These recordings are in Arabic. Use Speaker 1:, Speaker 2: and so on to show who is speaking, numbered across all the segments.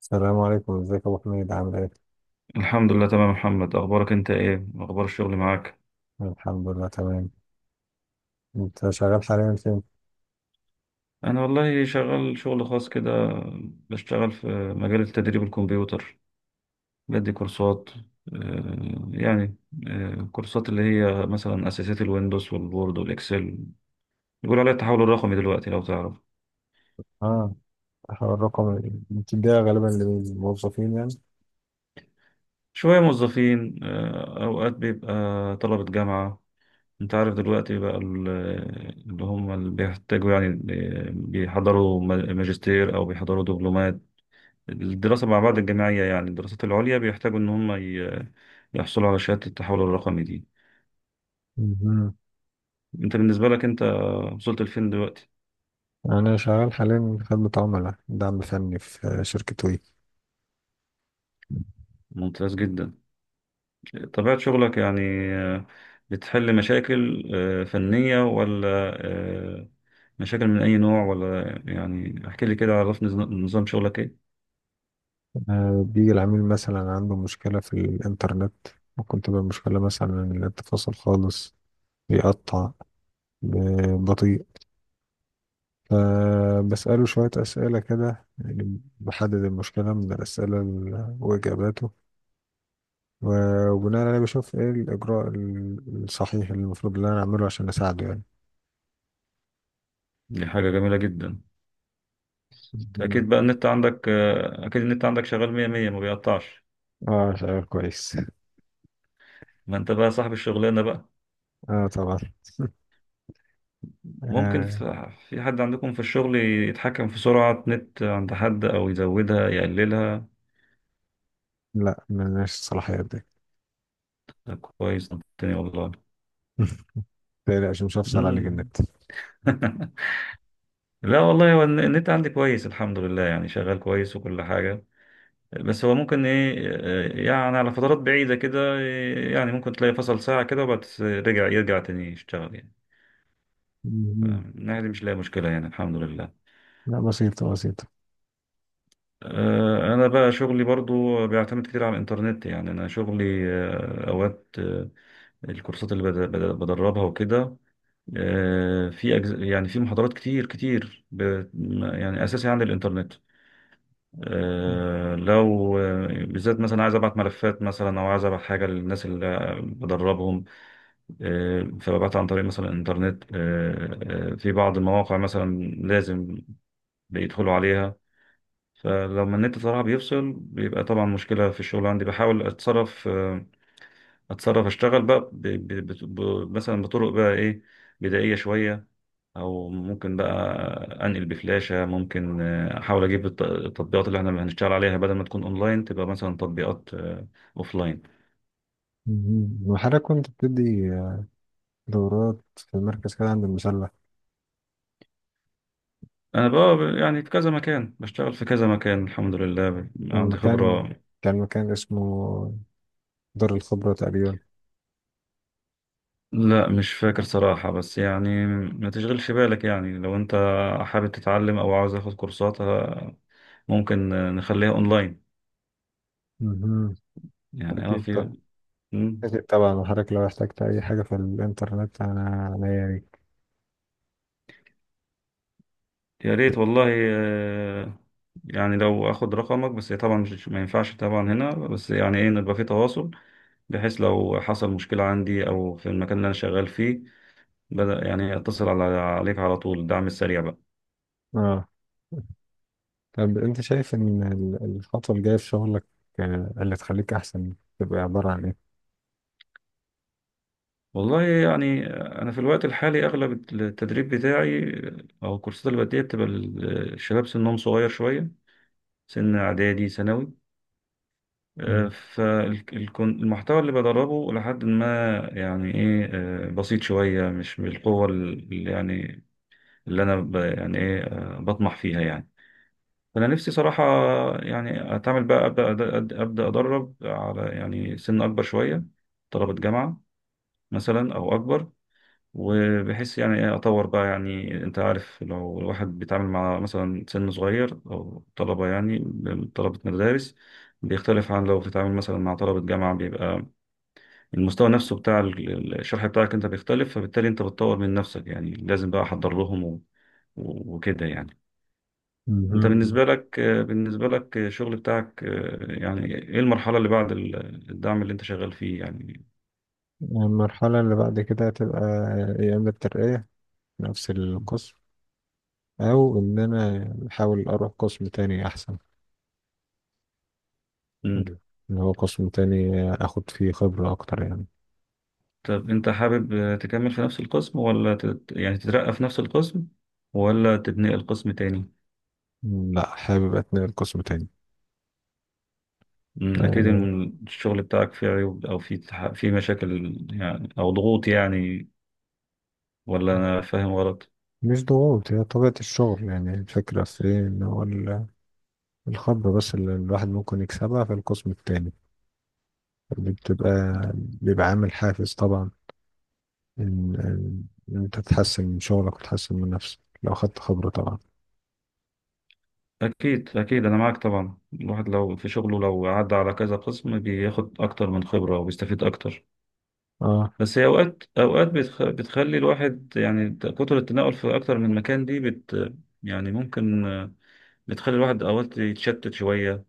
Speaker 1: السلام عليكم، ازيك يا ابو حميد؟ عامل ايه؟
Speaker 2: الحمد لله تمام يا محمد، اخبارك انت ايه؟ اخبار الشغل معاك؟
Speaker 1: الحمد لله تمام. انت شغال حاليا فين؟
Speaker 2: انا والله شغال شغل خاص كده. بشتغل في مجال تدريب الكمبيوتر. بدي كورسات، يعني كورسات اللي هي مثلا اساسيات الويندوز والوورد والاكسل. بيقولوا عليها التحول الرقمي دلوقتي، لو تعرف.
Speaker 1: اه، هو الرقم اللي بتديها غالبا للموظفين يعني؟
Speaker 2: شوية موظفين، اوقات بيبقى طلبة جامعة. انت عارف دلوقتي بقى اللي هم اللي بيحتاجوا يعني بيحضروا ماجستير او بيحضروا دبلومات. الدراسة مع بعض الجامعية يعني الدراسات العليا بيحتاجوا إن هم يحصلوا على شهادة التحول الرقمي دي.
Speaker 1: مهم.
Speaker 2: أنت بالنسبة لك أنت وصلت لفين دلوقتي؟
Speaker 1: انا شغال حاليا خدمة عملاء دعم فني في شركة وي.
Speaker 2: ممتاز جدا. طبيعة شغلك يعني، آه، بتحل مشاكل فنية، ولا آه، مشاكل من أي نوع؟ ولا يعني احكي لي كده، عرفني نظام شغلك إيه؟
Speaker 1: بيجي العميل مثلا عنده مشكلة في الانترنت، ممكن تبقى مشكلة مثلا إن النت فاصل خالص، بيقطع، بطيء. فبسأله شوية أسئلة كده، يعني بحدد المشكلة من الأسئلة وإجاباته، و- وبناء عليه بشوف ايه الاجراء الصحيح اللي المفروض اللي انا اعمله عشان اساعده يعني.
Speaker 2: دي حاجة جميلة جدا.
Speaker 1: مم.
Speaker 2: أكيد بقى النت عندك أكيد النت عندك شغال مية مية ما بيقطعش.
Speaker 1: اه، شعور كويس.
Speaker 2: ما أنت بقى صاحب الشغلانة.
Speaker 1: اه طبعا.
Speaker 2: ممكن
Speaker 1: آه.
Speaker 2: في حد عندكم في الشغل يتحكم في سرعة نت عند حد، أو يزودها يقللها؟
Speaker 1: لا، ملناش الصلاحيات دي.
Speaker 2: ده كويس، الدنيا والله.
Speaker 1: متقلقش، مش هفصل عليك
Speaker 2: مم.
Speaker 1: النت.
Speaker 2: لا والله، هو النت عندي كويس الحمد لله، يعني شغال كويس وكل حاجة. بس هو ممكن إيه، يعني على فترات بعيدة كده، يعني ممكن تلاقي فصل ساعة كده، وبعد يرجع تاني يشتغل يعني.
Speaker 1: مم.
Speaker 2: فمن الناحية دي مش لاقي مشكلة يعني، الحمد لله.
Speaker 1: لا، بسيطة بسيطة.
Speaker 2: أنا بقى شغلي برضو بيعتمد كتير على الإنترنت، يعني أنا شغلي أوقات الكورسات اللي بدربها وكده، يعني في محاضرات كتير كتير يعني أساسي عن الإنترنت. لو بالذات مثلا عايز أبعت ملفات مثلا، أو عايز أبعت حاجة للناس اللي بدربهم، فببعتها عن طريق مثلا الإنترنت. في بعض المواقع مثلا لازم بيدخلوا عليها. فلما النت صراحة بيفصل بيبقى طبعا مشكلة في الشغل عندي، بحاول أتصرف، آه، اتصرف اشتغل بقى مثلا بطرق بقى ايه، بدائية شوية، او ممكن بقى انقل بفلاشة. ممكن احاول اجيب التطبيقات اللي احنا هنشتغل عليها، بدل ما تكون اونلاين تبقى مثلا تطبيقات اوفلاين.
Speaker 1: مم. وحضرتك كنت بتدي دورات في مركز كده عند المسلة؟
Speaker 2: انا بقى يعني في كذا مكان بشتغل، في كذا مكان الحمد لله، عندي
Speaker 1: المكان
Speaker 2: خبرة.
Speaker 1: كان مكان اسمه دار الخبرة تقريبا.
Speaker 2: لا مش فاكر صراحة، بس يعني ما تشغلش بالك. يعني لو انت حابب تتعلم او عاوز اخد كورسات، ممكن نخليها اونلاين.
Speaker 1: مم.
Speaker 2: يعني
Speaker 1: أكيد
Speaker 2: في.
Speaker 1: طبعا.
Speaker 2: مم.
Speaker 1: أكيد طبعا، وحضرتك لو احتجت أي حاجة في الإنترنت أنا عنيا ليك.
Speaker 2: يا ريت والله. آه، يعني لو اخد رقمك، بس طبعا مش، ما ينفعش طبعا هنا، بس يعني ايه نبقى في تواصل، بحيث لو حصل مشكلة عندي او في المكان اللي انا شغال فيه، بدأ يعني اتصل عليك على طول، الدعم السريع بقى.
Speaker 1: اه. طب انت شايف ان الخطوة الجاية في شغلك، اللي تخليك احسن تبقى عبارة عن ايه؟
Speaker 2: والله يعني انا في الوقت الحالي اغلب التدريب بتاعي او الكورسات اللي بديها بتبقى الشباب سنهم صغير شوية، سن اعدادي ثانوي.
Speaker 1: مم.
Speaker 2: فالمحتوى اللي بدربه لحد ما يعني ايه، بسيط شوية، مش بالقوة اللي انا يعني ايه، بطمح فيها يعني. فانا نفسي صراحة يعني اتعامل بقى ابدا ابدا أبدأ ادرب على يعني سن اكبر شوية، طلبة جامعة مثلا او اكبر، وبحيث يعني ايه اطور بقى. يعني انت عارف لو الواحد بيتعامل مع مثلا سن صغير او طلبة، يعني طلبة مدارس، بيختلف عن لو بتتعامل مثلا مع طلبة جامعة. بيبقى المستوى نفسه بتاع الشرح بتاعك انت بيختلف، فبالتالي انت بتطور من نفسك. يعني لازم بقى احضر لهم وكده يعني. انت
Speaker 1: مهم.
Speaker 2: بالنسبة لك الشغل بتاعك يعني ايه المرحلة اللي بعد الدعم اللي انت شغال فيه يعني؟
Speaker 1: المرحلة اللي بعد كده تبقى يا اما الترقية في نفس القسم، او ان انا احاول اروح قسم تاني احسن،
Speaker 2: مم.
Speaker 1: اللي هو قسم تاني اخد فيه خبرة اكتر يعني.
Speaker 2: طب انت حابب تكمل في نفس القسم، ولا يعني تترقى في نفس القسم، ولا تبني القسم تاني؟
Speaker 1: مم، لا، حابب اتنقل قسم تاني.
Speaker 2: مم. اكيد
Speaker 1: آه،
Speaker 2: إن الشغل بتاعك فيه عيوب، او فيه فيه مشاكل يعني، او ضغوط يعني، ولا انا فاهم غلط؟
Speaker 1: مش ضغوط، هي طبيعة الشغل، يعني الفكرة في ايه ان هو الخبرة بس اللي الواحد ممكن يكسبها في القسم التاني بتبقى، بيبقى عامل حافز طبعا، إن إن أنت تتحسن من شغلك وتتحسن من نفسك لو خدت خبرة طبعا.
Speaker 2: أكيد أكيد، أنا معاك طبعا. الواحد لو في شغله، لو عدى على كذا قسم، بياخد أكتر من خبرة وبيستفيد أكتر.
Speaker 1: اه.
Speaker 2: بس هي أوقات أوقات بتخلي الواحد، يعني كتر التنقل في أكتر من مكان دي يعني ممكن بتخلي الواحد أوقات يتشتت شوية.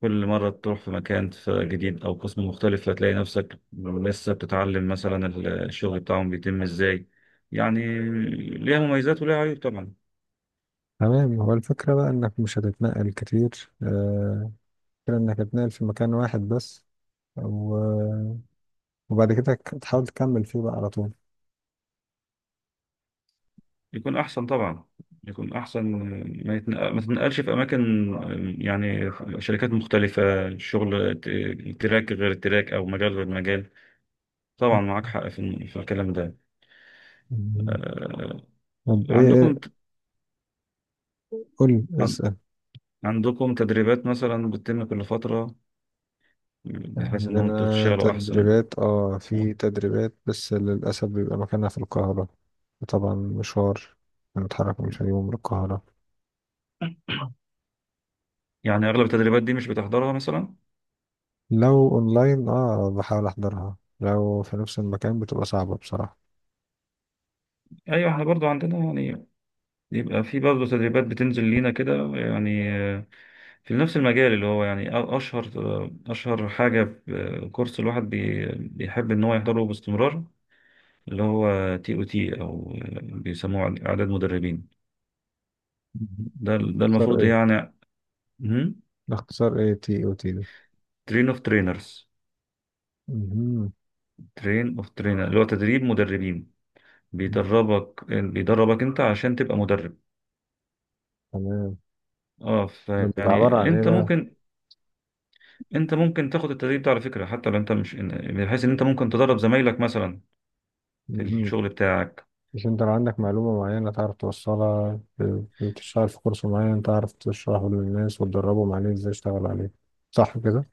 Speaker 2: كل مرة تروح في مكان جديد أو قسم مختلف هتلاقي نفسك لسه بتتعلم مثلا الشغل بتاعهم بيتم إزاي يعني. ليها مميزات وليها عيوب طبعا.
Speaker 1: تمام، هو الفكرة بقى إنك مش هتتنقل كتير، الفكرة إنك هتتنقل في مكان واحد بس، و- وبعد كده تحاول تكمل فيه بقى على طول.
Speaker 2: يكون احسن طبعا، يكون احسن. ما تنقلش في اماكن، يعني شركات مختلفه، شغل تراك غير التراك، او مجال غير مجال. طبعا معاك حق في الكلام ده.
Speaker 1: مم.
Speaker 2: آه،
Speaker 1: طب إيه؟
Speaker 2: عندكم
Speaker 1: إيه؟ قول
Speaker 2: عن-
Speaker 1: اسأل.
Speaker 2: عندكم تدريبات مثلا بتتم كل فتره، بحيث ان انتوا
Speaker 1: عندنا
Speaker 2: تشتغلوا احسن؟
Speaker 1: تدريبات، اه،
Speaker 2: مم.
Speaker 1: في تدريبات بس للأسف بيبقى مكانها في القاهرة. طبعا مشوار، نتحرك من الفيوم للقاهرة.
Speaker 2: يعني اغلب التدريبات دي مش بتحضرها مثلا؟
Speaker 1: لو اونلاين اه بحاول احضرها، لو في نفس المكان بتبقى صعبة بصراحة.
Speaker 2: ايوه، احنا برضو عندنا يعني، يبقى في برضو تدريبات بتنزل لينا كده يعني، في نفس المجال، اللي هو يعني أشهر حاجة كورس الواحد بيحب إن هو يحضره باستمرار، اللي هو TOT، أو بيسموه إعداد مدربين.
Speaker 1: مهم.
Speaker 2: ده
Speaker 1: اختار
Speaker 2: المفروض
Speaker 1: ايه؟
Speaker 2: يعني
Speaker 1: اختصار ايه تي او تي ده؟
Speaker 2: ترين أوف ترينرز،
Speaker 1: مهم.
Speaker 2: ترين أوف ترينر، اللي هو تدريب مدربين.
Speaker 1: مهم.
Speaker 2: بيدربك أنت عشان تبقى مدرب.
Speaker 1: تمام. ده بيبقى عبارة
Speaker 2: فيعني
Speaker 1: عن ايه بقى؟
Speaker 2: أنت ممكن تاخد التدريب ده على فكرة، حتى لو أنت مش بحيث إن أنت ممكن تدرب زمايلك مثلا في
Speaker 1: مهم.
Speaker 2: الشغل بتاعك.
Speaker 1: مش انت لو عندك معلومة معينة تعرف توصلها، بتشتغل في كورس معين تعرف تشرحه للناس وتدربهم عليه ازاي يشتغل عليه، صح كده؟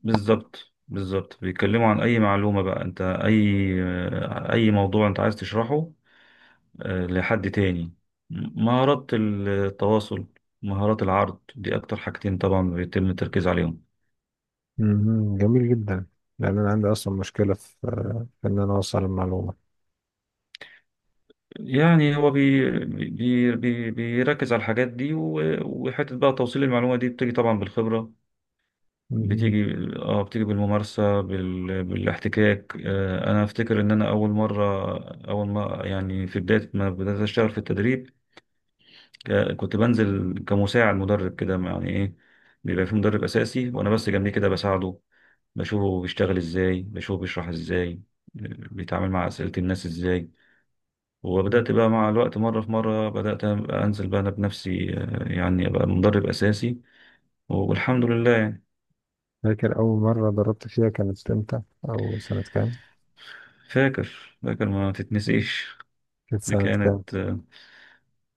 Speaker 2: بالظبط بالظبط، بيتكلموا عن اي معلومة بقى انت، اي موضوع انت عايز تشرحه، لحد تاني مهارات التواصل، مهارات العرض، دي اكتر حاجتين طبعا بيتم التركيز عليهم.
Speaker 1: مهم. جميل جدا. لان انا عندي اصلا مشكلة في، في ان انا اوصل المعلومة.
Speaker 2: يعني هو بي بي بي بيركز على الحاجات دي، وحتة بقى توصيل المعلومة دي بتيجي طبعا بالخبرة.
Speaker 1: مهم.
Speaker 2: بتيجي بالممارسة، بالاحتكاك. انا افتكر ان انا اول مرة، اول ما يعني في بداية ما بدأت اشتغل في التدريب، كنت بنزل كمساعد مدرب كده، يعني ايه، بيبقى في مدرب اساسي وانا بس جنبيه كده بساعده، بشوفه بيشتغل ازاي، بشوفه بيشرح ازاي، بيتعامل مع اسئله الناس ازاي. وبدات بقى مع الوقت مره في مره بدات أبقى انزل بقى انا بنفسي، يعني ابقى مدرب اساسي، والحمد لله يعني.
Speaker 1: فاكر اول مرة دربت فيها كانت امتى او سنة كام؟
Speaker 2: فاكر فاكر، ما تتنسيش.
Speaker 1: كانت
Speaker 2: دي
Speaker 1: سنة كام؟
Speaker 2: كانت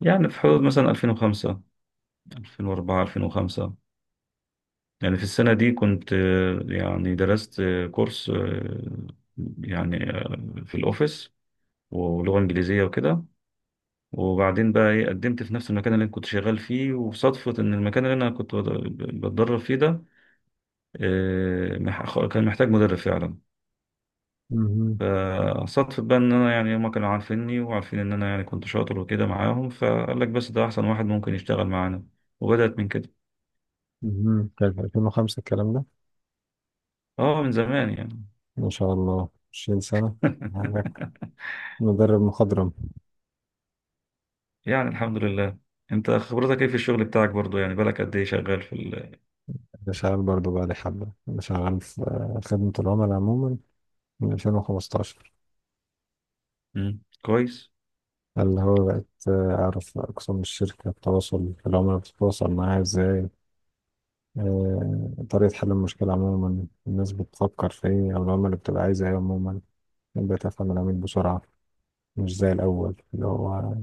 Speaker 2: يعني في حدود مثلا 2005، 2004، 2005. يعني في السنة دي كنت يعني درست كورس، يعني في الأوفيس ولغة إنجليزية وكده. وبعدين بقى إيه قدمت في نفس المكان اللي أنا كنت شغال فيه، وصدفة إن المكان اللي أنا كنت بتدرب فيه ده، كان محتاج مدرب فعلا.
Speaker 1: مهم.
Speaker 2: فصدفة بقى إن أنا، يعني هما كانوا عارفيني وعارفين إن أنا يعني كنت شاطر وكده معاهم، فقال لك بس ده أحسن واحد ممكن يشتغل معانا، وبدأت من كده.
Speaker 1: مهم. كان في 2005 الكلام ده؟
Speaker 2: أه، من زمان يعني.
Speaker 1: ما شاء الله 20 سنة عندك، مدرب مخضرم.
Speaker 2: يعني الحمد لله. انت خبرتك ايه في الشغل بتاعك برضو يعني، بالك قد ايه شغال في
Speaker 1: أنا شغال برضه بقالي حبة، أنا شغال في خدمة العملاء عموما من 2015،
Speaker 2: مم. كويس.
Speaker 1: اللي هو بقيت أعرف أقسام الشركة، التواصل العملاء بتتواصل معاها إزاي، طريقة حل المشكلة عموما، الناس بتفكر في إيه أو العملاء بتبقى عايزة إيه عموما. بقيت أفهم العميل بسرعة، مش زي الأول، اللي هو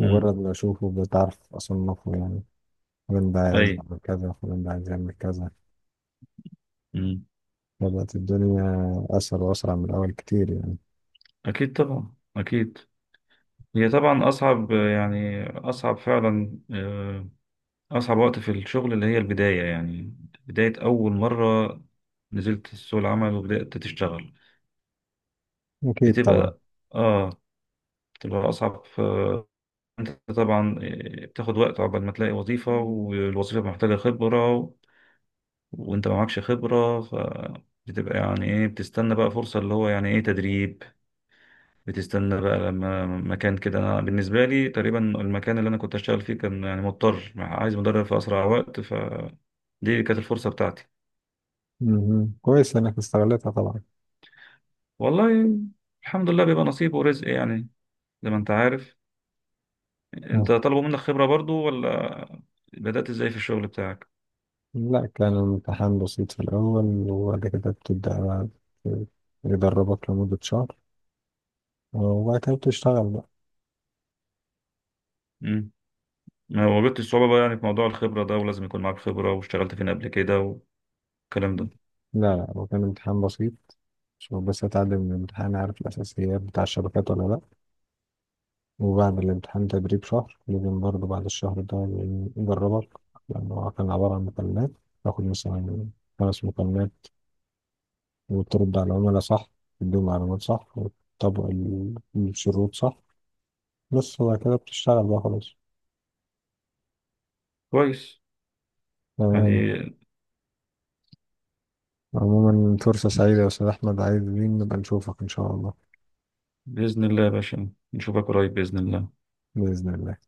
Speaker 2: مم.
Speaker 1: ما أشوفه بتعرف أصنفه يعني، فلان ده
Speaker 2: اي.
Speaker 1: عايز يعمل كذا، فلان ده عايز يعمل كذا.
Speaker 2: مم.
Speaker 1: بدأت الدنيا أسهل وأسرع من الأول كتير يعني.
Speaker 2: اكيد طبعا، اكيد. هي طبعا اصعب، يعني اصعب فعلا، اصعب وقت في الشغل اللي هي البداية يعني، بداية اول مرة نزلت سوق العمل وبدأت تشتغل.
Speaker 1: أكيد طبعا.
Speaker 2: بتبقى اه بتبقى اصعب. انت طبعا بتاخد وقت عقبال ما تلاقي وظيفة، والوظيفة محتاجة خبرة وانت ما معكش خبرة، فبتبقى يعني ايه بتستنى بقى فرصة، اللي هو يعني ايه تدريب. بتستنى بقى لما مكان كده، انا بالنسبة لي تقريبا المكان اللي انا كنت اشتغل فيه كان يعني مضطر عايز مدرب في اسرع وقت، فدي كانت الفرصة بتاعتي.
Speaker 1: مهم. كويس إنك استغلتها طبعا.
Speaker 2: والله الحمد لله بيبقى نصيب ورزق يعني، زي ما انت عارف.
Speaker 1: آه.
Speaker 2: انت طلبوا منك خبرة برضو، ولا بدأت ازاي في الشغل بتاعك؟
Speaker 1: لا، كان الامتحان بسيط في الأول، وبعد كده بتبدأ بقى، ت- يدربك لمدة شهر، وبعد كده بتشتغل بقى.
Speaker 2: مم. ما واجهتش صعوبة بقى يعني في موضوع الخبرة ده، ولازم يكون معاك خبرة واشتغلت فين قبل كده والكلام ده؟
Speaker 1: لا لا، هو كان امتحان بسيط عشان بس أتعلم من الامتحان، عارف الأساسيات بتاع الشبكات ولا لأ. وبعد الامتحان تدريب شهر لازم برضه، بعد الشهر ده يجربك، لأن هو كان عبارة عن مكالمات، تاخد مثلا خمس مكالمات وترد على العملاء صح، تديهم معلومات صح وتطبق الشروط صح بس. وبعد كده بتشتغل بقى خلاص.
Speaker 2: كويس،
Speaker 1: تمام.
Speaker 2: يعني
Speaker 1: عموما فرصة سعيدة يا أستاذ أحمد، عايزين نبقى نشوفك إن شاء الله.
Speaker 2: بإذن الله يا باشا، نشوفك قريب بإذن الله.
Speaker 1: بإذن الله.